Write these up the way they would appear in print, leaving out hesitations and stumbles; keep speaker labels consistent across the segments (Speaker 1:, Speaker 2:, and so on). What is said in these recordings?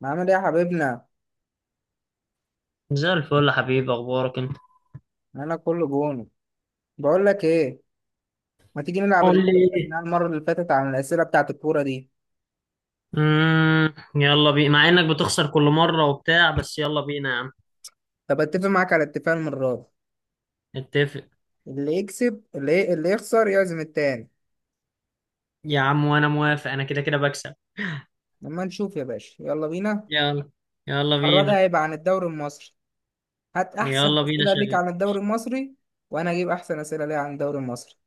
Speaker 1: ما عامل ايه يا حبيبنا؟
Speaker 2: زي الفل يا حبيبي، اخبارك انت؟
Speaker 1: انا كله جون. بقول لك ايه، ما تيجي نلعب اللعبه
Speaker 2: قول لي
Speaker 1: اللي كنا لعبناها
Speaker 2: ايه.
Speaker 1: المره اللي فاتت عن الاسئله بتاعه الكوره دي؟
Speaker 2: يلا بينا، مع انك بتخسر كل مرة وبتاع، بس يلا بينا يا عم.
Speaker 1: طب اتفق معاك على اتفاق المره دي،
Speaker 2: اتفق.
Speaker 1: اللي يكسب، اللي يخسر يعزم التاني.
Speaker 2: يا عم وانا موافق، انا كده كده بكسب.
Speaker 1: لما نشوف يا باشا، يلا بينا.
Speaker 2: يلا. يلا
Speaker 1: المره دي
Speaker 2: بينا.
Speaker 1: هيبقى عن الدوري المصري. هات احسن
Speaker 2: يلا بينا
Speaker 1: اسئله ليك
Speaker 2: شغال.
Speaker 1: عن الدوري المصري، وانا اجيب احسن اسئله ليا عن الدوري المصري.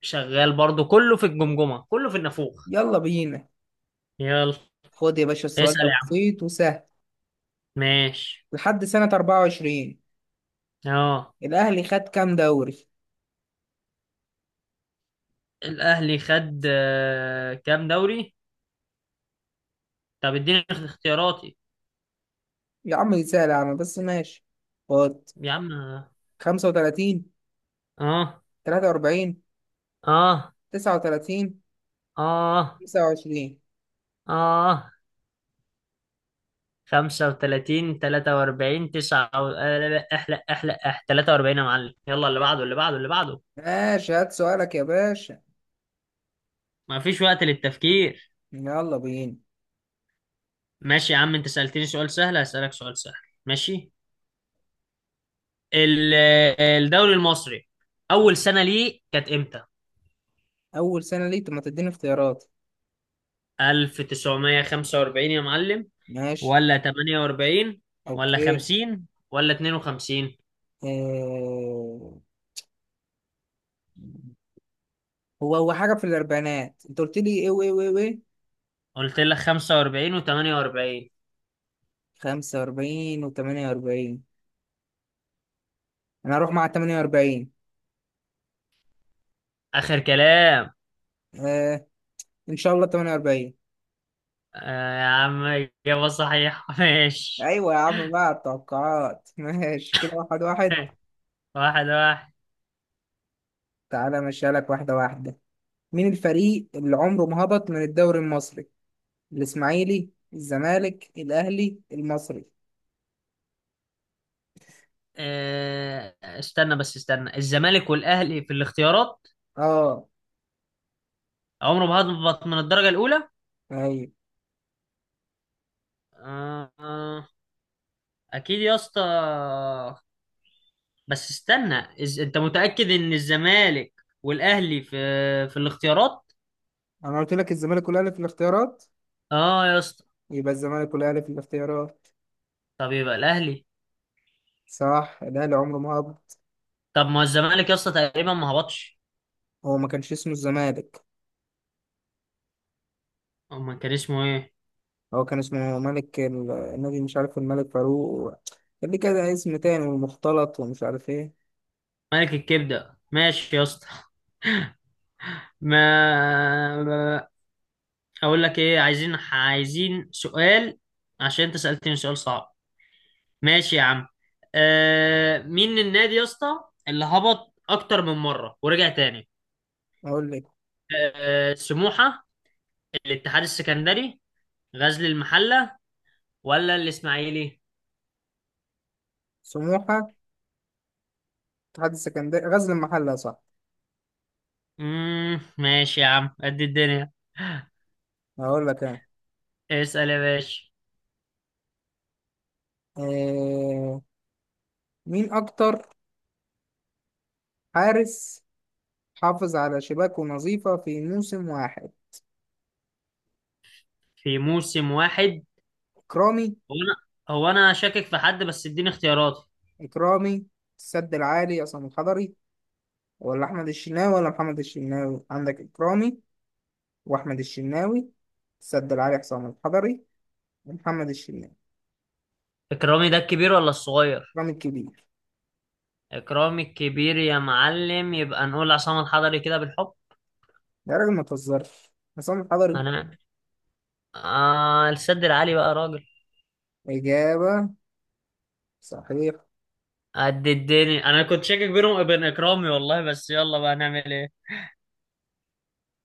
Speaker 2: شغال برضو، كله في الجمجمة كله في النافوخ.
Speaker 1: يلا بينا.
Speaker 2: يلا.
Speaker 1: خد يا باشا، السؤال
Speaker 2: اسأل
Speaker 1: ده
Speaker 2: يا عم.
Speaker 1: بسيط وسهل.
Speaker 2: ماشي.
Speaker 1: لحد سنه 24،
Speaker 2: اه.
Speaker 1: الاهلي خد كام دوري؟
Speaker 2: الاهلي خد كام دوري؟ طب اديني اختياراتي.
Speaker 1: يا عم سهل، يا عم بس ماشي. خد:
Speaker 2: يا عم.
Speaker 1: 35،
Speaker 2: اه.
Speaker 1: 43،
Speaker 2: اه.
Speaker 1: 39،
Speaker 2: اه.
Speaker 1: 29.
Speaker 2: اه. خمسة وتلاتين، تلاتة وأربعين، تسعة و... لا، لا، احلق احلق اح، تلاتة وأربعين يا معلم، يلا اللي بعده اللي بعده اللي بعده.
Speaker 1: ماشي، هات سؤالك يا باشا،
Speaker 2: مفيش وقت للتفكير.
Speaker 1: يلا بينا.
Speaker 2: ماشي يا عم، أنت سألتني سؤال سهل، هسألك سؤال سهل. ماشي. ال- الدوري المصري أول سنة ليه كانت إمتى؟
Speaker 1: أول سنة ليك؟ طب ما تديني اختيارات.
Speaker 2: 1945 يا معلم،
Speaker 1: ماشي.
Speaker 2: ولا 48، ولا
Speaker 1: أوكي.
Speaker 2: 50، ولا 52؟
Speaker 1: آه... هو هو حاجة في الأربعينات، أنت قلت لي إيه وإيه وإيه وإيه؟
Speaker 2: قلت لك 45 و48.
Speaker 1: 45 وتمانية وأربعين. أنا هروح مع 48.
Speaker 2: آخر كلام.
Speaker 1: آه... إن شاء الله 48.
Speaker 2: آه يا عم، إجابة صحيحة. ماشي.
Speaker 1: أيوة يا عم، بقى التوقعات ماشي كده واحد واحد.
Speaker 2: واحد واحد.
Speaker 1: تعالى مشيها لك واحدة واحدة. مين الفريق اللي عمره ما هبط من الدوري المصري؟ الاسماعيلي، الزمالك، الاهلي، المصري.
Speaker 2: آه، استنى بس، استنى، الزمالك والأهلي في الاختيارات؟
Speaker 1: اه.
Speaker 2: عمره ما هبط من الدرجة الأولى.
Speaker 1: ايوه.
Speaker 2: آه، آه، أكيد يا اسطى، بس استنى، أنت متأكد إن الزمالك والأهلي في الاختيارات؟
Speaker 1: انا قلت لك الزمالك والاهلي في الاختيارات.
Speaker 2: اه يا اسطى.
Speaker 1: يبقى الزمالك والاهلي في الاختيارات.
Speaker 2: طب يبقى الأهلي.
Speaker 1: صح، الاهلي عمره ما هبط.
Speaker 2: طب ما الزمالك يا اسطى تقريبا ما هبطش.
Speaker 1: هو ما كانش اسمه الزمالك.
Speaker 2: أما كان اسمه إيه؟
Speaker 1: هو كان اسمه ملك النادي، مش عارف، الملك فاروق. كان ليه كده اسم تاني ومختلط ومش عارف ايه.
Speaker 2: ملك الكبدة ماشي يا اسطى. ما اقول لك ايه، عايزين عايزين سؤال، عشان انت سألتني سؤال صعب. ماشي يا عم. آه، مين النادي يا اسطى اللي هبط اكتر من مرة ورجع تاني؟
Speaker 1: اقول لك:
Speaker 2: آه، سموحة، الاتحاد السكندري، غزل المحلة، ولا الاسماعيلي؟
Speaker 1: سموحة، اتحاد السكندري، غزل المحلة، صح.
Speaker 2: ماشي يا عم قد الدنيا.
Speaker 1: هقول لك انا.
Speaker 2: اسأل يا باشا.
Speaker 1: آه. مين اكتر حارس حافظ على شباكه نظيفة في موسم واحد؟
Speaker 2: في موسم واحد.
Speaker 1: إكرامي.
Speaker 2: هو انا هو انا شاكك في حد، بس اديني اختيارات.
Speaker 1: إكرامي، السد العالي عصام الحضري، ولا أحمد الشناوي، ولا محمد الشناوي. عندك إكرامي وأحمد الشناوي، السد العالي عصام الحضري، ومحمد الشناوي.
Speaker 2: اكرامي ده الكبير ولا الصغير؟
Speaker 1: إكرامي الكبير.
Speaker 2: إكرامي الكبير يا معلم، يبقى نقول عصام الحضري كده بالحب.
Speaker 1: ده راجل ما تهزرش. عصام الحضري.
Speaker 2: هنعمل. آه، السد العالي بقى يا راجل.
Speaker 1: إجابة صحيحة.
Speaker 2: قد الدنيا، أنا كنت شاكك بينهم وبين إكرامي والله، بس يلا بقى نعمل إيه.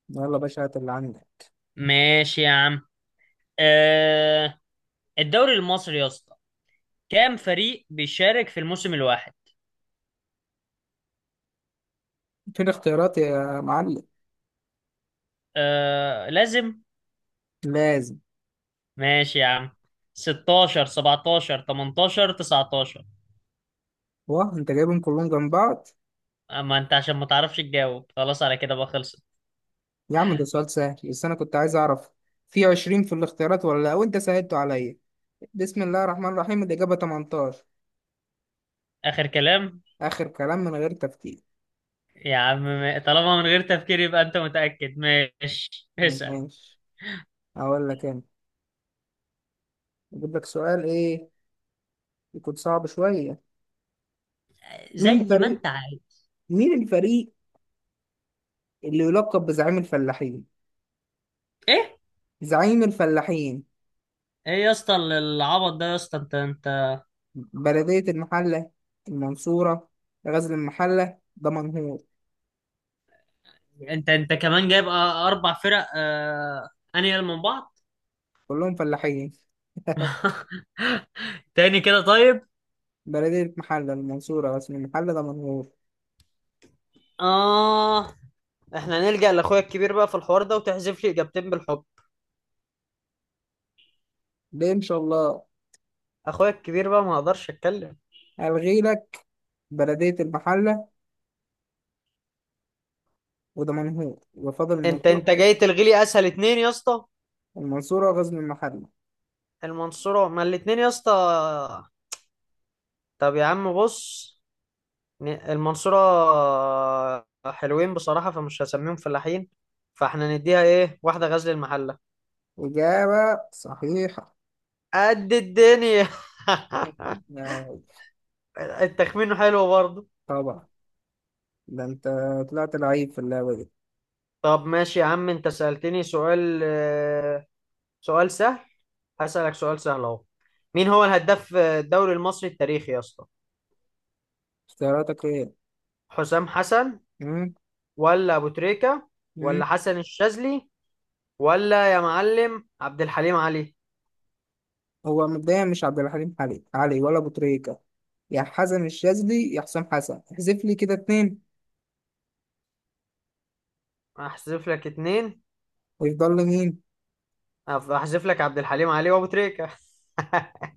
Speaker 1: يلا يا باشا، هات اللي عندك.
Speaker 2: ماشي يا عم. آه، الدوري المصري يا اسطى، كام فريق بيشارك في الموسم الواحد؟
Speaker 1: فين اختيارات يا معلم؟
Speaker 2: آه لازم.
Speaker 1: لازم.
Speaker 2: ماشي يا عم. 16، 17، 18، 19؟
Speaker 1: واه، أنت جايبهم كلهم جنب بعض.
Speaker 2: اما انت عشان ما تعرفش تجاوب خلاص، على كده بقى خلصت.
Speaker 1: يا عم ده سؤال سهل، بس أنا كنت عايز أعرف في 20 في الاختيارات ولا لأ، وأنت سهلته عليا. بسم الله الرحمن الرحيم، الإجابة 18.
Speaker 2: اخر كلام.
Speaker 1: آخر كلام، من غير تفكير.
Speaker 2: يا عم طالما من غير تفكير، يبقى انت متأكد. ماشي، اسأل.
Speaker 1: ماشي. أقول لك أنا، أجيب لك سؤال إيه يكون صعب شوية. مين
Speaker 2: زي ما
Speaker 1: الفريق،
Speaker 2: انت عايز.
Speaker 1: مين الفريق اللي يلقب بزعيم الفلاحين؟
Speaker 2: ايه؟
Speaker 1: زعيم الفلاحين:
Speaker 2: ايه يا اسطى العبط ده يا اسطى، انت انت
Speaker 1: بلدية المحلة، المنصورة، غزل المحلة، دمنهور.
Speaker 2: انت انت كمان جايب اربع فرق. آه... انيال من بعض.
Speaker 1: كلهم فلاحين.
Speaker 2: تاني كده طيب.
Speaker 1: بلدية المحلة، المنصورة، غزل المحلة، دمنهور.
Speaker 2: اه، احنا نلجأ لاخويا الكبير بقى في الحوار ده، وتحذف لي اجابتين بالحب.
Speaker 1: ليه إن شاء الله؟
Speaker 2: اخويا الكبير بقى ما اقدرش اتكلم.
Speaker 1: ألغي لك بلدية المحلة ودمنهور، وفضل
Speaker 2: انت
Speaker 1: المنصور،
Speaker 2: انت جاي تلغي لي اسهل اتنين يا اسطى.
Speaker 1: المنصورة وغزل المحلة.
Speaker 2: المنصورة، ما الاتنين يا اسطى. طب يا عم بص، المنصورة حلوين بصراحة فمش هسميهم فلاحين، فاحنا نديها ايه، واحدة غزل المحلة.
Speaker 1: إجابة صحيحة.
Speaker 2: قد الدنيا.
Speaker 1: يا-
Speaker 2: التخمين حلو برضه.
Speaker 1: طبعا، ده أنت طلعت لعيب في اللعبة دي.
Speaker 2: طب ماشي يا عم، انت سألتني سؤال سؤال سهل، هسألك سؤال سهل اهو. مين هو الهداف الدوري المصري التاريخي يا اسطى؟
Speaker 1: اختياراتك إيه؟
Speaker 2: حسام حسن،
Speaker 1: مم؟
Speaker 2: ولا ابو تريكة،
Speaker 1: مم؟
Speaker 2: ولا حسن الشاذلي، ولا يا معلم عبد الحليم علي؟
Speaker 1: هو مبدئيا مش عبد الحليم علي، علي ولا أبو تريكة، يا حسن الشاذلي، يا حسام حسن. احذف لي كده 2،
Speaker 2: هحذف لك اتنين.
Speaker 1: ويفضل لي مين؟
Speaker 2: هحذف لك عبد الحليم علي وابو تريكه.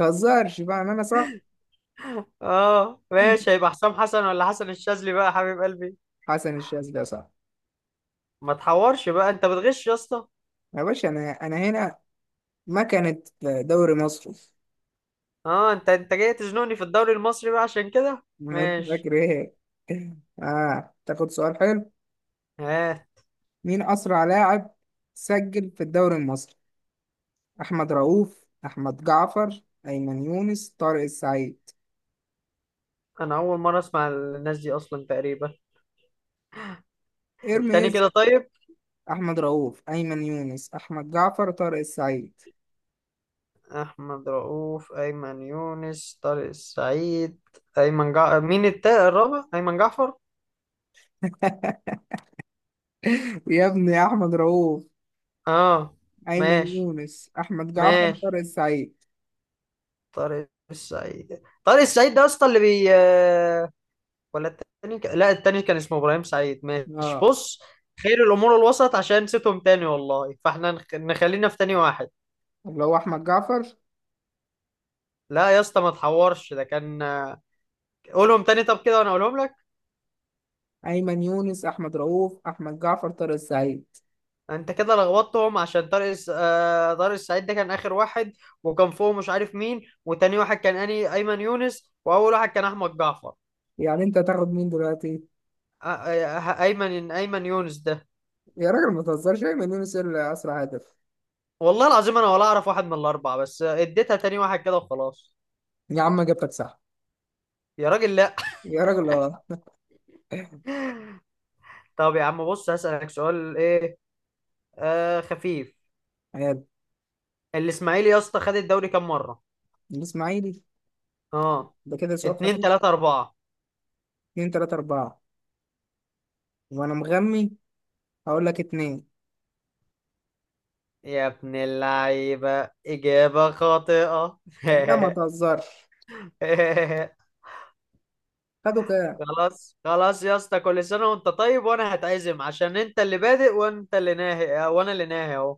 Speaker 1: متهزرش بقى إن أنا صح.
Speaker 2: اه ماشي، هيبقى حسام حسن ولا حسن الشاذلي بقى يا حبيب قلبي؟
Speaker 1: حسن الشاذلي يا صاحبي.
Speaker 2: ما تحورش بقى، انت بتغش يا اسطى.
Speaker 1: يا باشا أنا هنا، مكنة دوري مصر.
Speaker 2: اه، انت جاي تزنقني في الدوري المصري بقى عشان كده. ماشي.
Speaker 1: فاكر ايه؟ اه تاخد سؤال حلو.
Speaker 2: ها.
Speaker 1: مين اسرع لاعب سجل في الدوري المصري؟ احمد رؤوف، احمد جعفر، ايمن يونس، طارق السعيد.
Speaker 2: انا اول مره اسمع الناس دي اصلا تقريبا. التاني
Speaker 1: ارميز.
Speaker 2: كده طيب.
Speaker 1: احمد رؤوف، ايمن يونس، احمد جعفر، طارق السعيد.
Speaker 2: احمد رؤوف، ايمن يونس، طارق السعيد. مين الرابع، ايمن جعفر؟
Speaker 1: يا ابني، يا احمد رؤوف،
Speaker 2: اه.
Speaker 1: ايمن
Speaker 2: ماشي.
Speaker 1: يونس، احمد جعفر،
Speaker 2: ماشي.
Speaker 1: طارق السعيد.
Speaker 2: طارق السعيد، طارق السعيد ده اصلا اللي بي، ولا التاني لا التاني كان اسمه ابراهيم سعيد. ماشي
Speaker 1: اه.
Speaker 2: بص، خير الامور الوسط، عشان نسيتهم تاني والله، فاحنا نخلينا في تاني واحد.
Speaker 1: اللي هو احمد جعفر.
Speaker 2: لا يا اسطى ما تحورش، ده كان قولهم تاني طب كده وانا اقولهم لك.
Speaker 1: ايمن يونس، احمد رؤوف، احمد جعفر، طارق السعيد.
Speaker 2: انت كده لخبطتهم، عشان طارق س- آه، طارق السعيد ده كان اخر واحد، وكان فوق مش عارف مين، وتاني واحد كان اني ايمن يونس، واول واحد كان احمد جعفر.
Speaker 1: يعني انت تاخد مين دلوقتي؟
Speaker 2: آه، آه، ايمن يونس ده.
Speaker 1: يا راجل ما تهزرش، ايمن يونس هي اللي اسرع هدف.
Speaker 2: والله العظيم انا ولا اعرف واحد من الاربعه، بس اديتها تاني واحد كده وخلاص.
Speaker 1: يا عم اجابتك صح.
Speaker 2: يا راجل لا.
Speaker 1: يا راجل اه.
Speaker 2: طب يا عم بص، هسألك سؤال ايه خفيف.
Speaker 1: عيال.
Speaker 2: الاسماعيلي يا اسطى خد الدوري كام مرة؟
Speaker 1: الاسماعيلي؟
Speaker 2: اه.
Speaker 1: ده كده سؤال
Speaker 2: اتنين،
Speaker 1: خفيف.
Speaker 2: تلاتة، اربعة؟
Speaker 1: 2، 3، 4. وأنا مغمي هقول لك 2.
Speaker 2: يا ابن اللعيبة، اجابة خاطئة.
Speaker 1: لا ما تهزرش، خدوا كام؟
Speaker 2: خلاص خلاص يا اسطى، كل سنة وانت طيب، وانا هتعزم عشان انت اللي بادئ وانت اللي ناهي، وانا اللي ناهي اهو.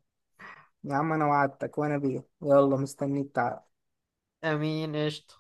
Speaker 1: يا عم أنا وعدتك، وأنا بيه، يلا مستنيك، تعال.
Speaker 2: امين قشطة.